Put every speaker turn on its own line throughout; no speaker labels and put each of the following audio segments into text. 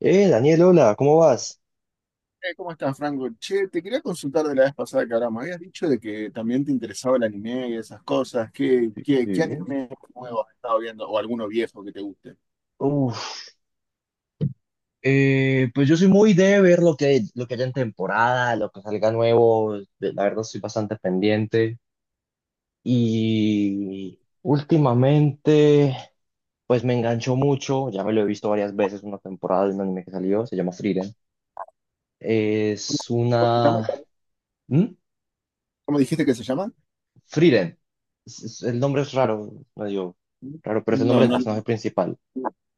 Daniel, hola, ¿cómo vas?
¿Cómo estás, Franco? Che, te quería consultar de la vez pasada que hablamos. Habías dicho de que también te interesaba el anime y esas cosas. ¿Qué,
Sí,
qué, qué
sí.
anime nuevo has estado viendo? ¿O alguno viejo que te guste?
Uf, pues yo soy muy de ver lo que haya en temporada, lo que salga nuevo, la verdad estoy bastante pendiente. Y últimamente, pues me enganchó mucho, ya me lo he visto varias veces, una temporada de un anime que salió, se llama Frieren. Es
¿Cómo se llama?
una. ¿Mm?
¿Cómo dijiste que se llama?
Frieren. El nombre es raro, medio raro, pero es el
No,
nombre del
no,
personaje principal.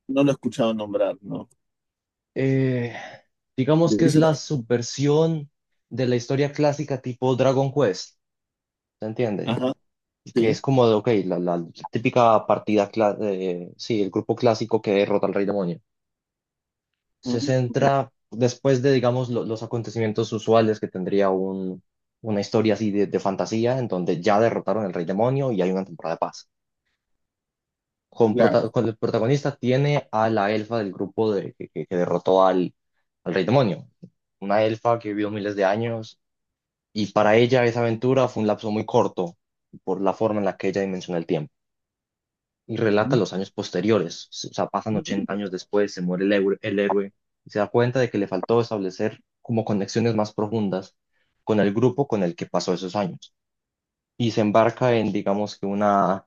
no lo he escuchado nombrar, no.
eh, digamos
¿De
que
qué
es
se
la
trata?
subversión de la historia clásica tipo Dragon Quest, ¿se entiende?
Ajá,
Que
sí.
es como de, ok, la típica partida, sí, el grupo clásico que derrota al rey demonio.
Ah,
Se
ok,
centra después de, digamos, los acontecimientos usuales que tendría una historia así de fantasía, en donde ya derrotaron al rey demonio y hay una temporada de paz. con,
claro.
prota- con el protagonista tiene a la elfa del grupo que derrotó al rey demonio. Una elfa que vivió miles de años y para ella esa aventura fue un lapso muy corto por la forma en la que ella dimensiona el tiempo. Y relata
Mm.
los años posteriores, o sea, pasan 80 años después, se muere el héroe y se da cuenta de que le faltó establecer como conexiones más profundas con el grupo con el que pasó esos años. Y se embarca en, digamos que una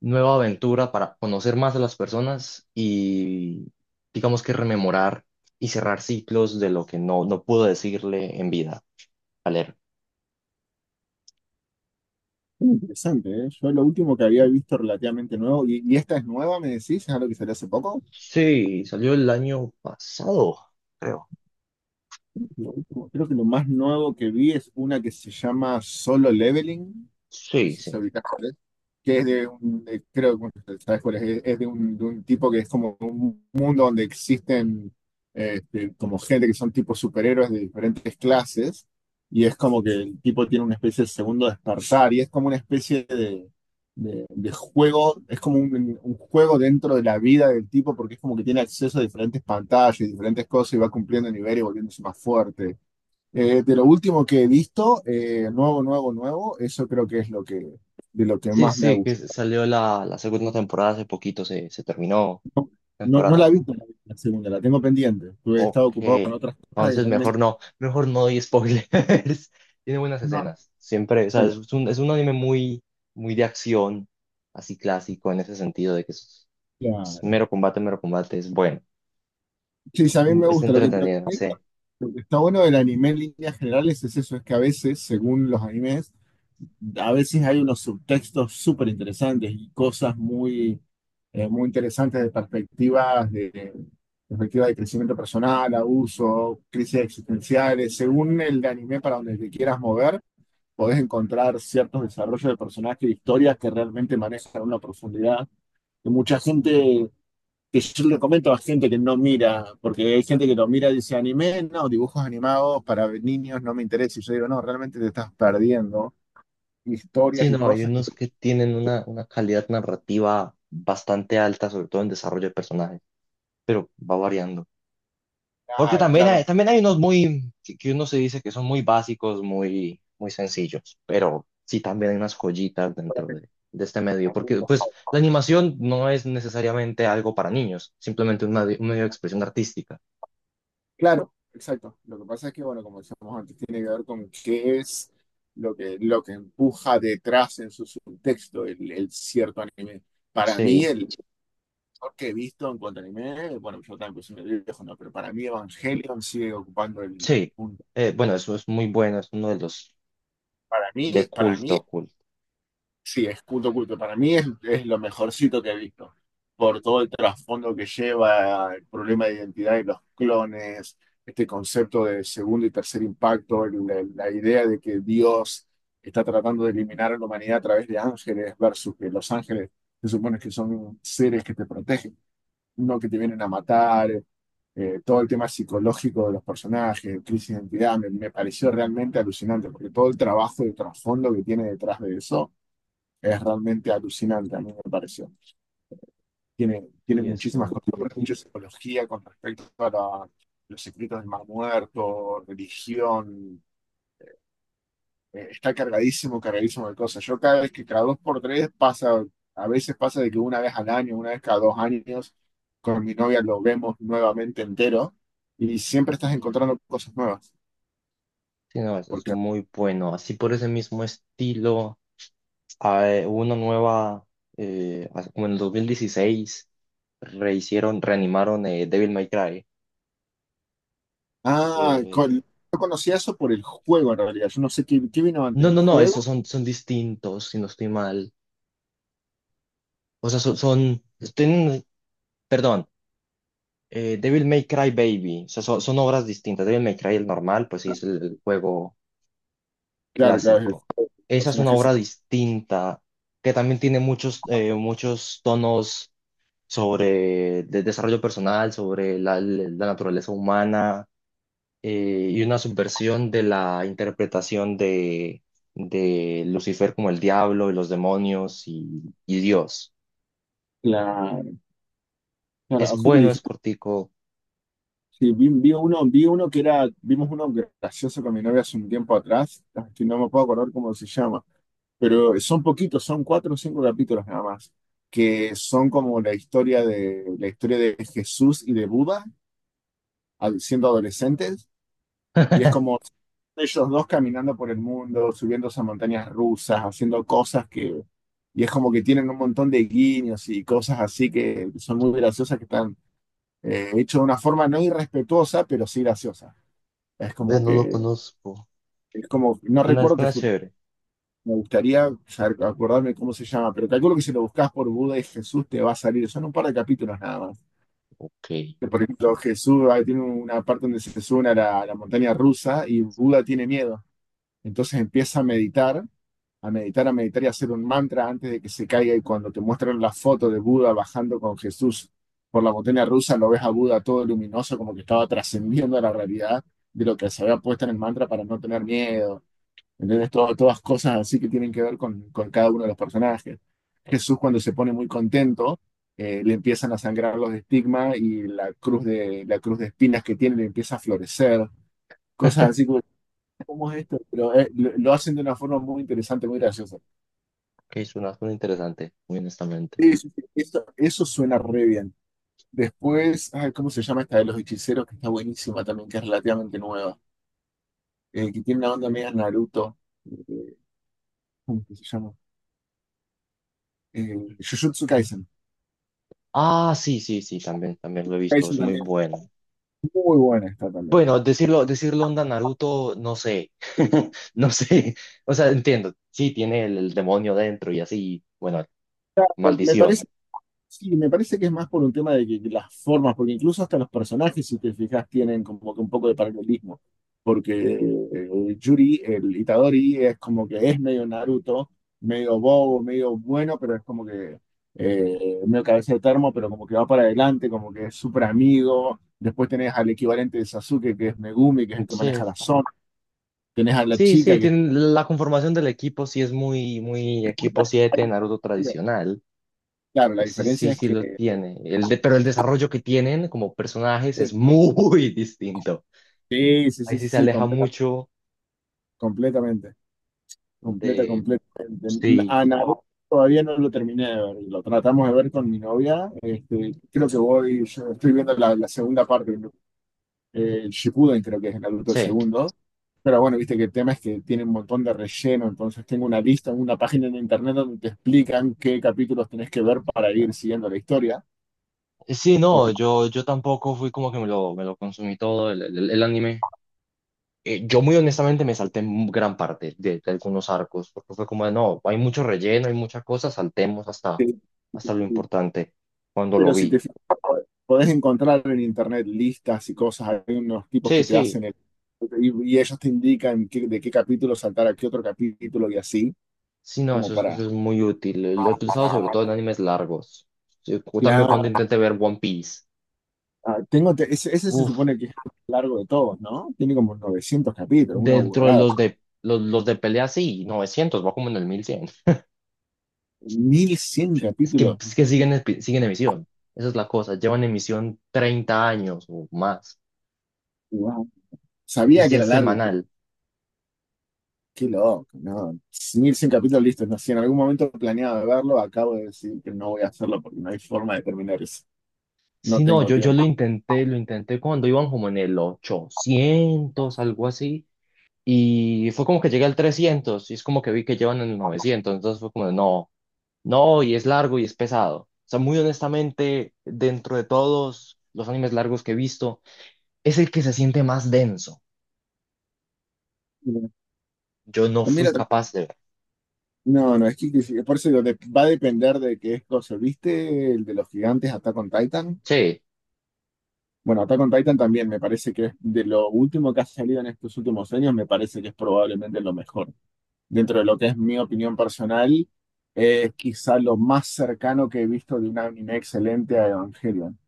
nueva aventura para conocer más a las personas y digamos que rememorar y cerrar ciclos de lo que no pudo decirle en vida a leer.
Interesante, ¿eh? Yo lo último que había visto relativamente nuevo, y esta es nueva, me decís, es algo que salió hace poco.
Sí, salió el año pasado, creo.
Creo que lo más nuevo que vi es una que se llama Solo Leveling, no
Sí,
sé
sí.
si ubicás cuál es, que es de un, creo que bueno, sabes cuál es, es de un tipo que es como un mundo donde existen este, como gente que son tipo superhéroes de diferentes clases, y es como que el tipo tiene una especie de segundo despertar, y es como una especie de juego, es como un juego dentro de la vida del tipo porque es como que tiene acceso a diferentes pantallas y diferentes cosas y va cumpliendo niveles y volviéndose más fuerte. De lo último que he visto, nuevo, nuevo, nuevo, eso creo que es lo que, de lo que
Sí,
más me ha
sí, que
gustado.
salió la segunda temporada hace poquito, se terminó
No, no la
temporada.
he visto la segunda, la tengo pendiente. Tuve He
Ok,
estado ocupado con otras cosas y
entonces
realmente
mejor no doy spoilers. Tiene buenas
no.
escenas, siempre, o sea,
Bueno.
es un anime muy, muy de acción así clásico en ese sentido de que es. Es
Claro.
mero combate, es bueno,
Sí, sí, a mí me
es
gusta. Lo que,
entretenido, sí.
lo que está bueno del anime en líneas generales es eso, es que a veces, según los animes, a veces hay unos subtextos súper interesantes y cosas muy interesantes de perspectivas de perspectiva de crecimiento personal, abuso, crisis existenciales. Según el anime para donde te quieras mover, podés encontrar ciertos desarrollos de personajes y historias que realmente manejan una profundidad que mucha gente, que yo le comento a gente que no mira, porque hay gente que lo mira y dice anime, no, dibujos animados para niños no me interesa. Y yo digo, no, realmente te estás perdiendo historias
Sí,
y
no, hay
cosas que...
unos que tienen una calidad narrativa bastante alta, sobre todo en desarrollo de personajes, pero va variando. Porque
Claro,
también
claro.
hay, también hay unos muy, que uno se dice que son muy básicos, muy, muy sencillos, pero sí también hay unas joyitas dentro de este medio, porque pues la animación no es necesariamente algo para niños, simplemente un medio de expresión artística.
Claro, exacto. Lo que pasa es que, bueno, como decíamos antes, tiene que ver con qué es lo que empuja detrás en su subtexto el cierto anime. Para mí,
Sí,
el mejor que he visto en cuanto a anime, bueno, yo también pues, soy medio viejo, no, pero para mí Evangelion sigue ocupando el
sí.
punto.
Bueno, eso es muy bueno, es uno de los. De
Para mí
culto, culto.
sí, es culto, culto. Para mí es lo mejorcito que he visto, por todo el trasfondo que lleva, el problema de identidad y los clones, este concepto de segundo y tercer impacto, la idea de que Dios está tratando de eliminar a la humanidad a través de ángeles versus que los ángeles se supone que son seres que te protegen, no que te vienen a matar, todo el tema psicológico de los personajes, crisis de identidad, me pareció realmente alucinante, porque todo el trabajo de trasfondo que tiene detrás de eso es realmente alucinante, a mí me pareció. Tiene
Sí, es
muchísimas
uno.
cosas, mucha psicología con respecto a los secretos del Mar Muerto, religión. Está cargadísimo, cargadísimo de cosas. Yo cada vez que cada dos por tres pasa, a veces pasa de que una vez al año, una vez cada dos años, con mi novia lo vemos nuevamente entero y siempre estás encontrando cosas nuevas.
Sí, no, es
Porque,
muy bueno. Así por ese mismo estilo, hay una nueva, como en el 2016, rehicieron, reanimaron Devil May Cry.
ah,
Eh,
yo conocía eso por el juego en realidad. Yo no sé qué vino antes
no,
del
no, no, esos
juego.
son distintos, si no estoy mal. O sea, tienen- perdón, Devil May Cry Baby. O sea, son obras distintas. Devil May Cry, el normal, pues sí, es el juego
Claro, claro, es
clásico.
el
Esa es una
personaje.
obra distinta que también tiene muchos tonos sobre el desarrollo personal, sobre la naturaleza humana, y una subversión de la interpretación de Lucifer como el diablo y los demonios y Dios.
Claro,
Es
justo
bueno, es
dijiste,
cortico.
sí, vi uno, vi uno que era, vimos uno gracioso con mi novia hace un tiempo atrás, que no me puedo acordar cómo se llama, pero son poquitos, son cuatro o cinco capítulos nada más, que son como la historia de Jesús y de Buda siendo adolescentes, y es como ellos dos caminando por el mundo, subiéndose a montañas rusas, haciendo cosas que, y es como que tienen un montón de guiños y cosas así que son muy graciosas que están. Hecho de una forma no irrespetuosa, pero sí graciosa. Es
Ve,
como
no lo
que,
conozco.
es como, no
Suena,
recuerdo,
suena chévere.
me gustaría acordarme cómo se llama, pero calculo que si lo buscas por Buda y Jesús te va a salir, son un par de capítulos nada más.
Ok.
Que, por ejemplo, Jesús ah, tiene una parte donde se sube a la montaña rusa y Buda tiene miedo. Entonces empieza a meditar a meditar, a meditar y hacer un mantra antes de que se caiga. Y cuando te muestran la foto de Buda bajando con Jesús por la montaña rusa, lo ves a Buda todo luminoso, como que estaba trascendiendo a la realidad de lo que se había puesto en el mantra para no tener miedo. ¿Entendés? Todas cosas así que tienen que ver con cada uno de los personajes. Jesús cuando se pone muy contento, le empiezan a sangrar los estigmas y la cruz de espinas que tiene le empieza a florecer. Cosas así como, ¿cómo es esto? Pero lo hacen de una forma muy interesante, muy graciosa.
Ok, suena, suena interesante, muy honestamente.
Sí, sí, sí, eso suena re bien. Después, ay, ¿cómo se llama esta de los hechiceros? Que está buenísima también, que es relativamente nueva. Que tiene una onda media Naruto. Eh, ¿Cómo que se llama? Eh, Jujutsu Kaisen.
Ah, sí, sí, sí, también, también lo he visto, es
Kaisen
muy
también. Es
bueno.
muy buena esta también.
Bueno, decirlo, decirlo onda Naruto, no sé, no sé, o sea, entiendo, sí, tiene el demonio dentro y así, bueno,
Me
maldición.
parece Sí, me parece que es más por un tema de que las formas, porque incluso hasta los personajes, si te fijas, tienen como que un poco de paralelismo. Porque Yuri, el Itadori, es como que es medio Naruto, medio bobo, medio bueno, pero es como que medio cabeza de termo, pero como que va para adelante, como que es súper amigo. Después tenés al equivalente de Sasuke, que es Megumi, que es el que maneja
Sí,
la zona. Tenés a la
sí, sí,
chica que...
tiene, la conformación del equipo sí es muy, muy equipo 7 Naruto tradicional,
Claro, la
ese sí,
diferencia es
sí lo
que...
tiene, pero el desarrollo que tienen como personajes es
Sí,
muy distinto.
sí, sí,
Ahí
sí,
sí se
sí,
aleja mucho
completamente.
de,
Completamente.
sí,
A Naruto todavía no lo terminé de ver. Lo tratamos de ver con mi novia. Este, creo que voy, yo estoy viendo la, la segunda parte, ¿no? Shippuden creo que es Naruto el
sí.
segundo. Pero bueno, viste que el tema es que tiene un montón de relleno, entonces tengo una lista, una página en internet donde te explican qué capítulos tenés que ver para ir siguiendo la historia.
Sí, no,
Porque
yo tampoco fui como que me lo consumí todo el anime. Yo muy honestamente me salté gran parte de algunos arcos, porque fue como de, no, hay mucho relleno, hay muchas cosas, saltemos hasta,
eh,
hasta lo importante cuando lo
pero si te
vi.
fijas, podés encontrar en internet listas y cosas, hay unos tipos
Sí,
que te
sí,
hacen el... Y ellos te indican de qué capítulo saltar a qué otro capítulo y así,
sí, no,
como
eso es,
para...
eso es muy útil. Lo he utilizado sobre todo en animes largos. Sí, también cuando
Claro.
intenté ver One Piece.
Ah, ese se
Uf,
supone que es el más largo de todos, ¿no? Tiene como 900 capítulos, una
dentro de
burrada.
los de pelea, sí, 900 va como en el 1100.
mil cien
Es que,
capítulos.
es que siguen emisión. Esa es la cosa. Llevan emisión 30 años o más.
Wow.
Y
Sabía que
si
era
es
largo, pero
semanal.
qué loco, ¿no? 1100 capítulos, listo. No, si en algún momento planeaba verlo, acabo de decir que no voy a hacerlo porque no hay forma de terminar eso. No
Si no,
tengo
yo
tiempo.
lo intenté cuando iban como en el 800 algo así. Y fue como que llegué al 300. Y es como que vi que llevan en el 900. Entonces fue como, no, no, y es largo y es pesado. O sea, muy honestamente, dentro de todos los animes largos que he visto, es el que se siente más denso. Yo no
Ah,
fui
mira,
capaz de ver.
no, no, es por eso digo, va a depender de qué es cosa. ¿Viste el de los gigantes Attack on Titan?
Sí,
Bueno, Attack on Titan también me parece que es de lo último que ha salido en estos últimos años, me parece que es probablemente lo mejor. Dentro de lo que es mi opinión personal, es quizá lo más cercano que he visto de un anime excelente a Evangelion,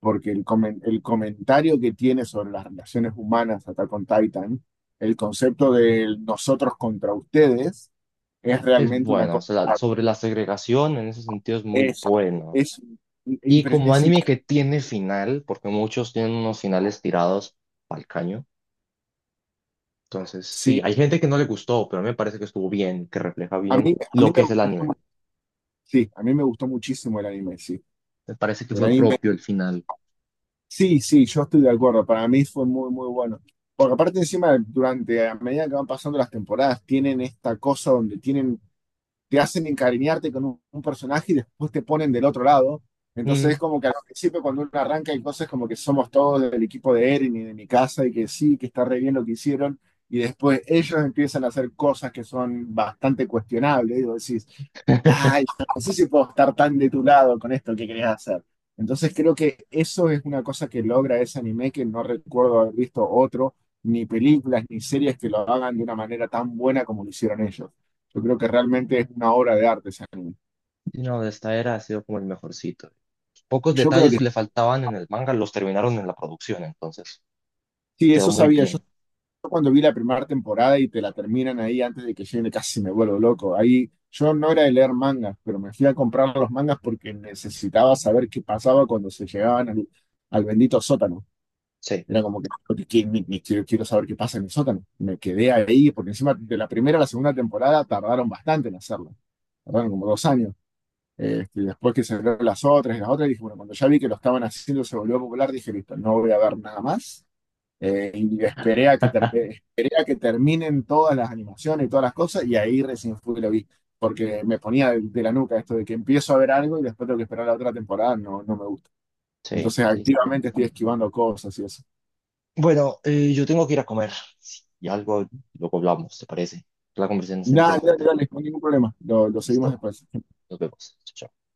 porque el comentario que tiene sobre las relaciones humanas Attack on Titan, el concepto de nosotros contra ustedes, es
es
realmente una
bueno, o
cosa.
sea, sobre la segregación en ese sentido es muy
Es,
bueno.
es,
Y
impre-
como
es
anime
imp-
que tiene final, porque muchos tienen unos finales tirados al caño. Entonces, sí,
Sí.
hay gente que no le gustó, pero a mí me parece que estuvo bien, que refleja
A
bien
mí, a mí
lo que
me
es el
gustó,
anime.
sí, a mí me gustó muchísimo el anime, sí.
Me parece que
El
fue
anime,
propio el final.
sí, sí, yo estoy de acuerdo. Para mí fue muy, muy bueno. Porque aparte encima, durante, a medida que van pasando las temporadas, tienen esta cosa donde tienen te hacen encariñarte con un personaje y después te ponen del otro lado. Entonces es
Mm.
como que al principio cuando uno arranca hay cosas como que somos todos del equipo de Eren y de mi casa y que sí, que está re bien lo que hicieron. Y después ellos empiezan a hacer cosas que son bastante cuestionables. Y vos decís, ay, no sé si puedo estar tan de tu lado con esto que querés hacer. Entonces creo que eso es una cosa que logra ese anime que no recuerdo haber visto otro, ni películas, ni series que lo hagan de una manera tan buena como lo hicieron ellos. Yo creo que realmente es una obra de arte ese anime.
Y no, de esta era ha sido como el mejorcito. Pocos
Yo creo
detalles
que
que le faltaban en el manga los terminaron en la producción, entonces
sí,
quedó
eso
muy
sabía. Yo
bien.
cuando vi la primera temporada y te la terminan ahí antes de que llegue, casi me vuelvo loco. Ahí yo no era de leer mangas, pero me fui a comprar los mangas porque necesitaba saber qué pasaba cuando se llegaban al bendito sótano.
Sí,
Era como que- ni- ni quiero, quiero saber qué pasa en el sótano. Me quedé ahí porque encima de la primera a la segunda temporada tardaron bastante en hacerlo. Tardaron como 2 años. Este, después que se vieron las otras y las otras, dije, bueno, cuando ya vi que lo estaban haciendo, se volvió popular, dije, listo, no voy a ver nada más. Y esperé a, esperé a que terminen todas las animaciones y todas las cosas, y ahí recién fui y lo vi. Porque me ponía de la nuca esto de que empiezo a ver algo y después tengo que esperar la otra temporada, no, no me gusta.
sí,
Entonces,
sí, sí,
activamente
sí.
estoy esquivando cosas y eso.
Bueno, yo tengo que ir a comer. Sí, y algo luego hablamos, ¿te parece? La conversación está
Nada, dale,
interesante.
dale, no hay ningún problema. Lo seguimos
Listo,
después.
nos vemos. Chao.